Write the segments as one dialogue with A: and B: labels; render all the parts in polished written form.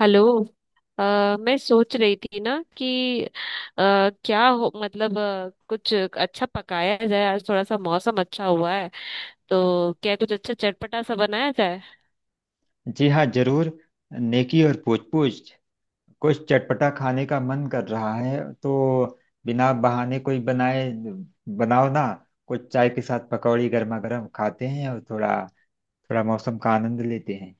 A: Hello. अ, मैं सोच रही थी ना कि अ, क्या हो, मतलब कुछ अच्छा पकाया जाए। आज थोड़ा सा मौसम अच्छा हुआ है तो क्या कुछ अच्छा चटपटा सा बनाया जाए।
B: जी हाँ, जरूर। नेकी और पूछ पूछ। कुछ चटपटा खाने का मन कर रहा है तो बिना बहाने कोई बनाए, बनाओ ना। कुछ चाय के साथ पकौड़ी गर्मा गर्म खाते हैं और थोड़ा थोड़ा मौसम का आनंद लेते हैं,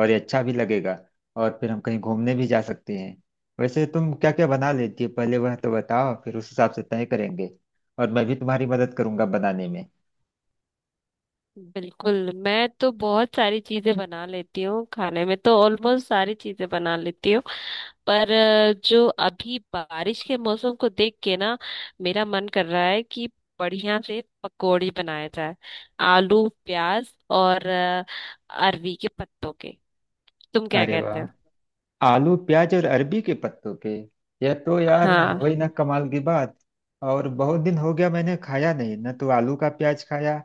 B: और ये अच्छा भी लगेगा। और फिर हम कहीं घूमने भी जा सकते हैं। वैसे तुम क्या क्या बना लेती हो, पहले वह तो बताओ, फिर उस हिसाब से तय करेंगे। और मैं भी तुम्हारी मदद करूंगा बनाने में।
A: बिल्कुल, मैं तो बहुत सारी चीजें बना लेती हूँ, खाने में तो ऑलमोस्ट सारी चीजें बना लेती हूँ। पर जो अभी बारिश के मौसम को देख के ना मेरा मन कर रहा है कि बढ़िया से पकौड़ी बनाया जाए। आलू, प्याज और अरवी के पत्तों के। तुम क्या
B: अरे
A: कहते हो?
B: वाह, आलू प्याज और अरबी के पत्तों पे! यह तो यार
A: हाँ।
B: वही ना, कमाल की बात। और बहुत दिन हो गया मैंने खाया नहीं, न तो आलू का प्याज खाया,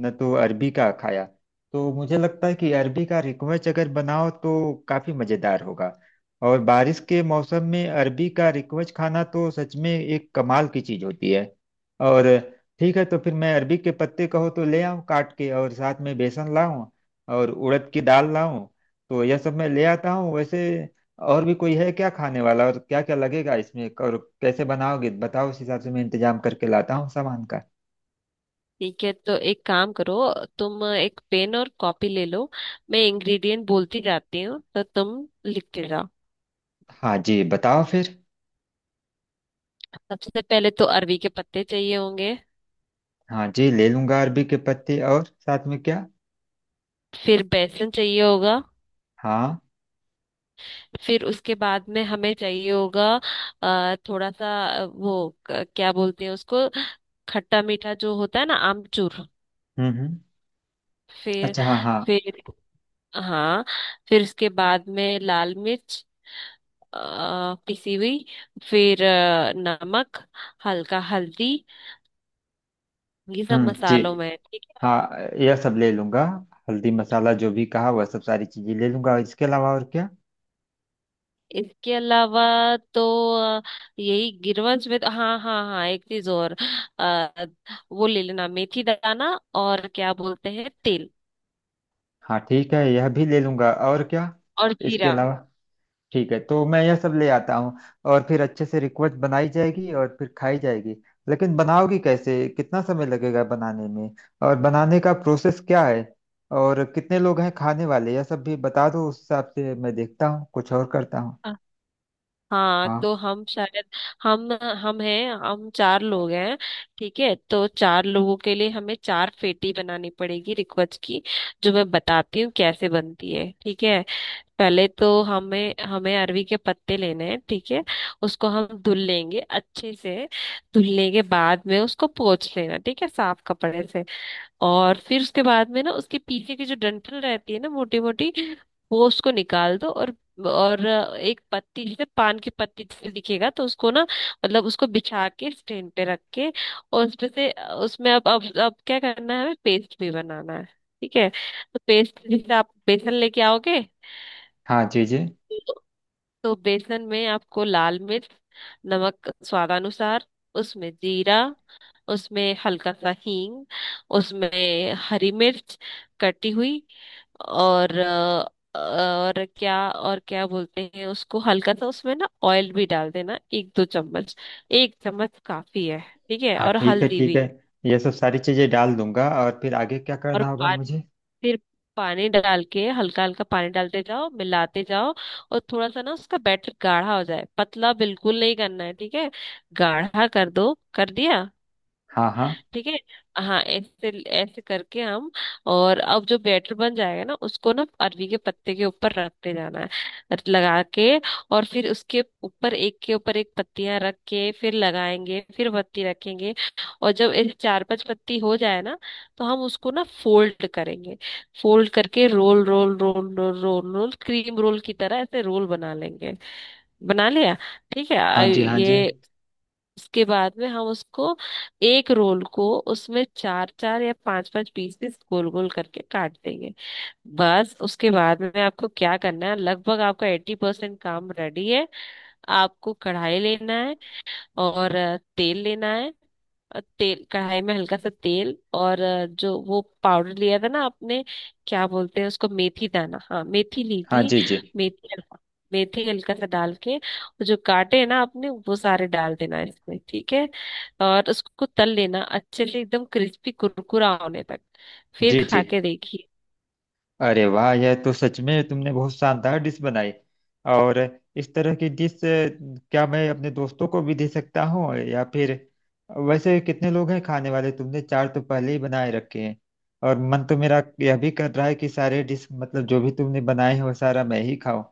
B: न तो अरबी का खाया। तो मुझे लगता है कि अरबी का रिकवेच अगर बनाओ तो काफी मजेदार होगा। और बारिश के मौसम में अरबी का रिकवेच खाना तो सच में एक कमाल की चीज होती है। और ठीक है, तो फिर मैं अरबी के पत्ते कहो तो ले आऊं काट के, और साथ में बेसन लाऊं और उड़द की दाल लाऊं। तो यह सब मैं ले आता हूँ। वैसे, और भी कोई है क्या खाने वाला? और क्या क्या लगेगा इसमें और कैसे बनाओगे, बताओ। उस हिसाब से मैं इंतजाम करके लाता हूँ सामान का।
A: ठीक है तो एक काम करो, तुम एक पेन और कॉपी ले लो। मैं इंग्रेडिएंट बोलती जाती हूँ तो तुम लिखते जाओ।
B: हाँ जी, बताओ फिर।
A: सबसे पहले तो अरवी के पत्ते चाहिए होंगे।
B: हाँ जी, ले लूंगा अरबी के पत्ते। और साथ में क्या?
A: फिर बेसन चाहिए होगा।
B: हाँ।
A: फिर उसके बाद में हमें चाहिए होगा थोड़ा सा वो क्या बोलते हैं उसको, खट्टा मीठा जो होता है ना, आमचूर।
B: हम्म, हम्म।
A: फिर
B: अच्छा, हाँ हाँ।
A: फिर हाँ, फिर उसके बाद में लाल मिर्च, अ, पिसी हुई। फिर नमक, हल्का हल्दी, ये सब
B: जी।
A: मसालों में ठीक है।
B: हाँ, यह सब ले लूंगा। हल्दी मसाला जो भी कहा वह सब सारी चीजें ले लूंगा। इसके अलावा और क्या?
A: इसके अलावा तो अ, यही गिरवंश में, तो हाँ, हाँ, हाँ, एक चीज और, अ, वो ले लेना, मेथी दाना और क्या बोलते हैं, तेल,
B: हाँ ठीक है, यह भी ले लूंगा। और क्या
A: और
B: इसके
A: जीरा।
B: अलावा? ठीक है, तो मैं यह सब ले आता हूँ। और फिर अच्छे से रिक्वेस्ट बनाई जाएगी और फिर खाई जाएगी। लेकिन बनाओगी कैसे? कितना समय लगेगा बनाने में? और बनाने का प्रोसेस क्या है? और कितने लोग हैं खाने वाले, यह सब भी बता दो। उस हिसाब से मैं देखता हूँ कुछ और करता हूँ।
A: अ, हाँ
B: हाँ।
A: तो हम शायद हम हम हैं, हम चार लोग हैं। ठीक है तो चार लोगों के लिए हमें चार फेटी बनानी पड़ेगी रिक्वेस्ट की। जो मैं बताती हूँ कैसे बनती है, ठीक है। पहले तो हमें हमें अरवी के पत्ते लेने हैं, ठीक है। उसको हम धुल लेंगे अच्छे से। धुलने के बाद में उसको पोंछ लेना, ठीक है, साफ कपड़े से। और फिर उसके बाद में ना उसके पीछे की जो डंठल रहती है ना, मोटी मोटी, वो उसको निकाल दो। और एक पत्ती जैसे, पान की पत्ती जैसे दिखेगा, तो उसको ना मतलब उसको बिछा के स्टैंड पे रख के, और उसमें से, उसमें अब क्या करना है, हमें पेस्ट भी बनाना है। ठीक है तो पेस्ट, जैसे आप बेसन लेके आओगे
B: हाँ जी जी।
A: तो बेसन में आपको लाल मिर्च, नमक स्वादानुसार, उसमें जीरा, उसमें हल्का सा हींग, उसमें हरी मिर्च कटी हुई, और और क्या बोलते हैं उसको, हल्का सा उसमें ना ऑयल भी डाल देना, एक दो चम्मच, एक चम्मच काफी है, ठीक है,
B: हाँ
A: और
B: ठीक है,
A: हल्दी
B: ठीक है।
A: भी।
B: यह सब सारी चीज़ें डाल दूंगा। और फिर आगे क्या
A: और
B: करना होगा मुझे?
A: फिर पानी डाल के, हल्का हल्का पानी डालते जाओ, मिलाते जाओ, और थोड़ा सा ना उसका बैटर गाढ़ा हो जाए, पतला बिल्कुल नहीं करना है, ठीक है, गाढ़ा कर दो, कर दिया,
B: हाँ, हाँ।
A: ठीक है। हाँ, ऐसे, ऐसे करके हम, और अब जो बैटर बन जाएगा ना उसको ना अरवी के पत्ते के ऊपर रखते जाना है, लगा के। और फिर उसके ऊपर एक के ऊपर एक पत्तियां रख के फिर लगाएंगे, फिर पत्ती रखेंगे। और जब ऐसे चार पांच पत्ती हो जाए ना तो हम उसको ना फोल्ड करेंगे। फोल्ड करके, roll, roll roll roll roll roll, cream roll की तरह ऐसे रोल बना लेंगे। बना लिया, ठीक है।
B: हाँ जी, हाँ जी।
A: ये, उसके बाद में हम उसको, एक रोल को, उसमें चार चार या पांच पांच पीस पीस गोल गोल करके काट देंगे। बस उसके बाद में आपको क्या करना है, लगभग आपका एट्टी परसेंट काम रेडी है। आपको कढ़ाई लेना है और तेल लेना है। तेल कढ़ाई में, हल्का सा तेल, और जो वो पाउडर लिया था ना आपने, क्या बोलते हैं उसको, मेथी दाना, हाँ मेथी ली
B: हाँ
A: थी,
B: जी जी।
A: मेथी हल्का, मेथी हल्का सा डाल के वो जो काटे हैं ना आपने वो सारे डाल देना है इसमें, ठीक है। और उसको तल लेना अच्छे से, एकदम क्रिस्पी कुरकुरा होने तक। फिर
B: जी जी।
A: खा के देखिए।
B: अरे वाह, यह तो सच में तुमने बहुत शानदार डिश बनाई। और इस तरह की डिश क्या मैं अपने दोस्तों को भी दे सकता हूँ या फिर? वैसे कितने लोग हैं खाने वाले, तुमने चार तो पहले ही बनाए रखे हैं। और मन तो मेरा यह भी कर रहा है कि सारे डिश मतलब जो भी तुमने बनाए हैं वो सारा मैं ही खाऊं।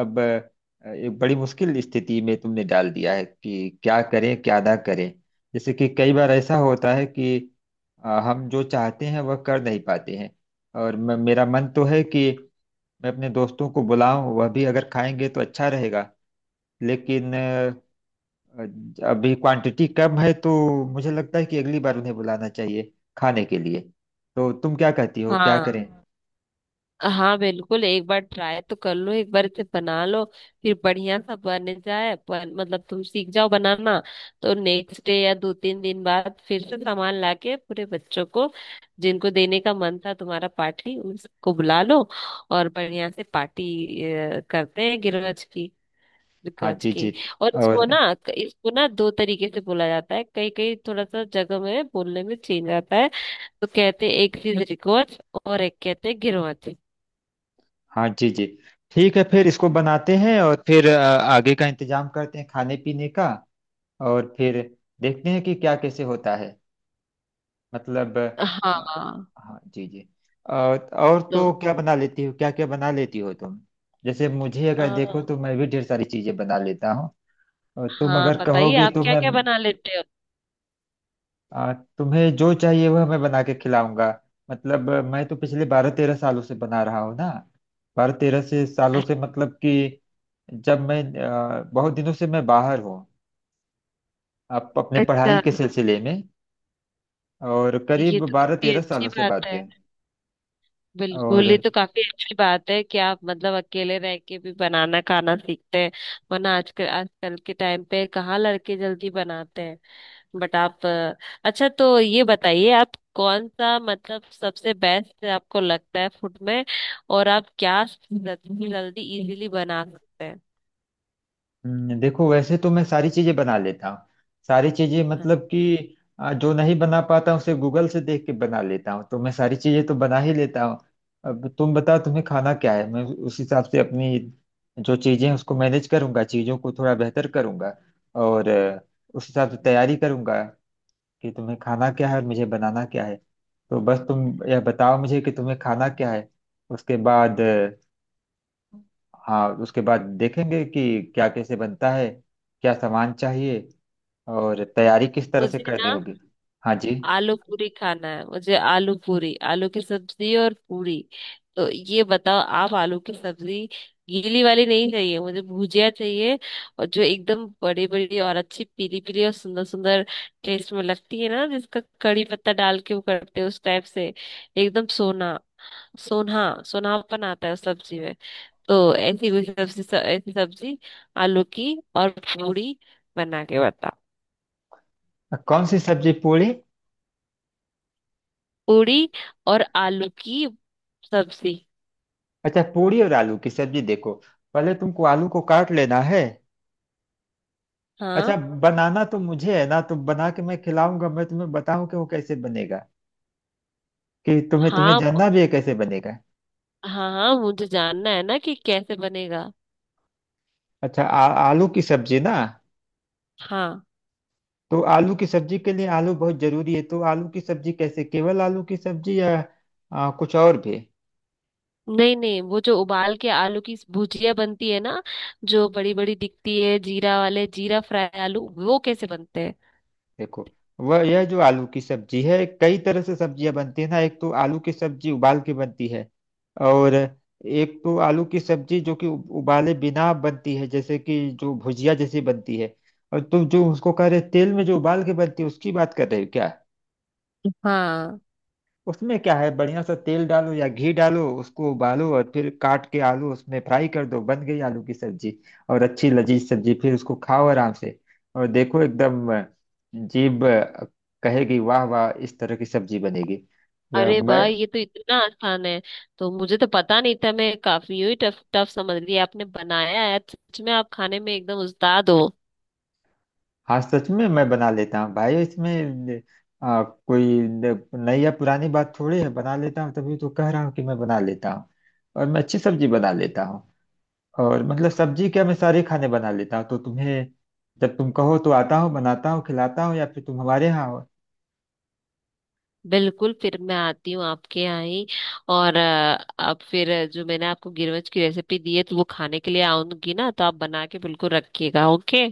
B: अब एक बड़ी मुश्किल स्थिति में तुमने डाल दिया है कि क्या करें क्या ना करें। जैसे कि कई बार ऐसा होता है कि हम जो चाहते हैं वह कर नहीं पाते हैं। और मेरा मन तो है कि मैं अपने दोस्तों को बुलाऊं, वह भी अगर खाएंगे तो अच्छा रहेगा। लेकिन अभी क्वांटिटी कम है तो मुझे लगता है कि अगली बार उन्हें बुलाना चाहिए खाने के लिए। तो तुम क्या कहती हो, क्या
A: हाँ।
B: करें?
A: हाँ बिल्कुल, एक बार ट्राई तो कर लो, एक बार इसे बना लो, फिर बढ़िया सा बन जाए, मतलब तुम सीख जाओ बनाना। तो नेक्स्ट डे या दो तीन दिन बाद फिर से सामान लाके पूरे बच्चों को, जिनको देने का मन था तुम्हारा, पार्टी उसको बुला लो, और बढ़िया से पार्टी करते हैं, गिरवज की।
B: हाँ
A: गज
B: जी जी।
A: की। और इसको
B: और
A: ना, इसको ना दो तरीके से बोला जाता है, कई कई थोड़ा सा जगह में बोलने में चेंज आता है, तो कहते हैं एक चीज रिकॉर्ड, और एक कहते हैं गिरवज।
B: हाँ जी जी। ठीक है फिर इसको बनाते हैं और फिर आगे का इंतजाम करते हैं खाने पीने का। और फिर देखते हैं कि क्या कैसे होता है। मतलब अ,
A: हाँ
B: हाँ जी जी। और
A: तो
B: तो क्या बना लेती हो, क्या क्या बना लेती हो तुम? जैसे मुझे अगर
A: आ,
B: देखो तो मैं भी ढेर सारी चीजें बना लेता हूँ। और तुम
A: हाँ,
B: अगर
A: बताइए
B: कहोगी
A: आप
B: तो
A: क्या
B: मैं
A: क्या बना लेते हो।
B: तुम्हें जो चाहिए वह मैं बना के खिलाऊंगा। मतलब मैं तो पिछले बारह तेरह सालों से बना रहा हूँ ना। बारह तेरह से सालों से मतलब कि जब मैं बहुत दिनों से मैं बाहर हूँ। आप अपने पढ़ाई
A: अच्छा,
B: के सिलसिले में। और
A: ये
B: करीब
A: तो
B: बारह
A: काफी
B: तेरह सालों
A: अच्छी
B: से
A: बात
B: बातें।
A: है।
B: और
A: बिल्कुल, ये तो काफी अच्छी बात है कि आप मतलब अकेले रह के भी बनाना खाना सीखते हैं। वरना आजकल, आजकल के टाइम पे कहाँ लड़के जल्दी बनाते हैं। बट आप अच्छा तो ये बताइए, आप कौन सा, मतलब सबसे बेस्ट आपको लगता है फूड में, और आप क्या जल्दी जल्दी इजीली बना सकते हैं।
B: देखो वैसे तो मैं सारी चीजें बना लेता हूँ। सारी चीजें मतलब कि जो नहीं बना पाता हूँ उसे गूगल से देख के बना लेता हूँ, तो मैं सारी चीजें तो बना ही लेता हूँ। अब तुम बताओ तुम्हें खाना क्या है, मैं उस हिसाब से अपनी जो चीजें हैं उसको मैनेज करूंगा, चीजों को थोड़ा बेहतर करूंगा। और उस हिसाब से तैयारी करूंगा कि तुम्हें खाना क्या है और मुझे बनाना क्या है। तो बस तुम यह बताओ मुझे कि तुम्हें खाना क्या है, उसके बाद हाँ उसके बाद देखेंगे कि क्या कैसे बनता है, क्या सामान चाहिए और तैयारी किस तरह से
A: मुझे
B: करनी
A: ना
B: होगी। हाँ जी।
A: आलू पूरी खाना है, मुझे आलू पूरी, आलू की सब्जी और पूरी। तो ये बताओ आप, आलू की सब्जी, गीली वाली नहीं चाहिए मुझे, भुजिया चाहिए, और जो एकदम बड़ी बड़ी और अच्छी पीली पीली और सुंदर सुंदर टेस्ट में लगती है ना, जिसका कड़ी पत्ता डाल के वो करते हैं, उस टाइप से, एकदम सोना, सोना, सोनापन आता है उस सब्जी में। तो ऐसी कोई सब्जी, ऐसी सब्जी, आलू की, और पूरी, बना के बताओ।
B: कौन सी सब्जी पूरी?
A: पूरी, और आलू की सब्जी।
B: अच्छा, पूरी और आलू की सब्जी। देखो, पहले तुमको आलू को काट लेना है। अच्छा,
A: हाँ,
B: बनाना तो मुझे है ना, तो बना के मैं खिलाऊंगा। मैं तुम्हें बताऊं कि वो कैसे बनेगा? कि तुम्हें तुम्हें
A: हाँ,
B: जानना भी है कैसे बनेगा?
A: हाँ, हाँ, मुझे जानना है ना कि कैसे बनेगा।
B: अच्छा आलू की सब्जी ना।
A: हाँ।
B: तो आलू की सब्जी के लिए आलू बहुत जरूरी है। तो आलू की सब्जी कैसे, केवल आलू की सब्जी या कुछ और भी?
A: नहीं, नहीं, वो जो उबाल के आलू की भुजिया बनती है ना, जो बड़ी बड़ी दिखती है जीरा वाले, जीरा फ्राई आलू, वो कैसे बनते हैं?
B: देखो, वह यह जो आलू की सब्जी है, कई तरह से सब्जियां बनती है ना। एक तो आलू की सब्जी उबाल के बनती है। और एक तो आलू की सब्जी जो कि उबाले बिना बनती है, जैसे कि जो भुजिया जैसी बनती है। और तुम जो उसको कह रहे तेल में जो उबाल के बनती है, उसकी बात कर रहे हो क्या?
A: हाँ।
B: उसमें क्या है, बढ़िया सा तेल डालो या घी डालो, उसको उबालो और फिर काट के आलू उसमें फ्राई कर दो। बन गई आलू की सब्जी। और अच्छी लजीज सब्जी, फिर उसको खाओ आराम से। और देखो एकदम जीभ कहेगी वाह वाह। इस तरह की सब्जी बनेगी।
A: अरे
B: मैं
A: वाह, ये तो इतना आसान है। तो मुझे तो पता नहीं था, मैं काफी यू टफ टफ समझ रही, आपने बनाया है सच में, आप खाने में एकदम उस्ताद हो।
B: हाँ, सच में मैं बना लेता हूँ भाई। इसमें कोई नई या पुरानी बात थोड़ी है, बना लेता हूँ तभी तो कह रहा हूँ कि मैं बना लेता हूँ। और मैं अच्छी सब्जी बना लेता हूँ। और मतलब सब्जी क्या, मैं सारे खाने बना लेता हूँ। तो तुम्हें, जब तुम कहो तो आता हूँ बनाता हूँ खिलाता हूँ, या फिर तुम हमारे यहाँ हो।
A: बिल्कुल, फिर मैं आती हूँ आपके यहाँ ही। और अब फिर जो मैंने आपको गिरवच की रेसिपी दी है तो वो खाने के लिए आऊंगी ना तो आप बना के बिल्कुल रखिएगा, ओके।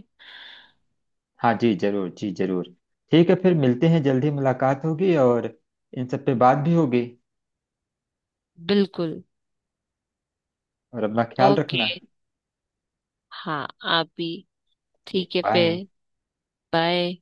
B: हाँ जी, जरूर जी जरूर। ठीक है, फिर मिलते हैं, जल्दी मुलाकात होगी और इन सब पे बात भी होगी।
A: बिल्कुल।
B: और अपना ख्याल
A: ओके।
B: रखना।
A: हाँ। आप भी।
B: जी,
A: ठीक है
B: बाय।
A: फिर। बाय।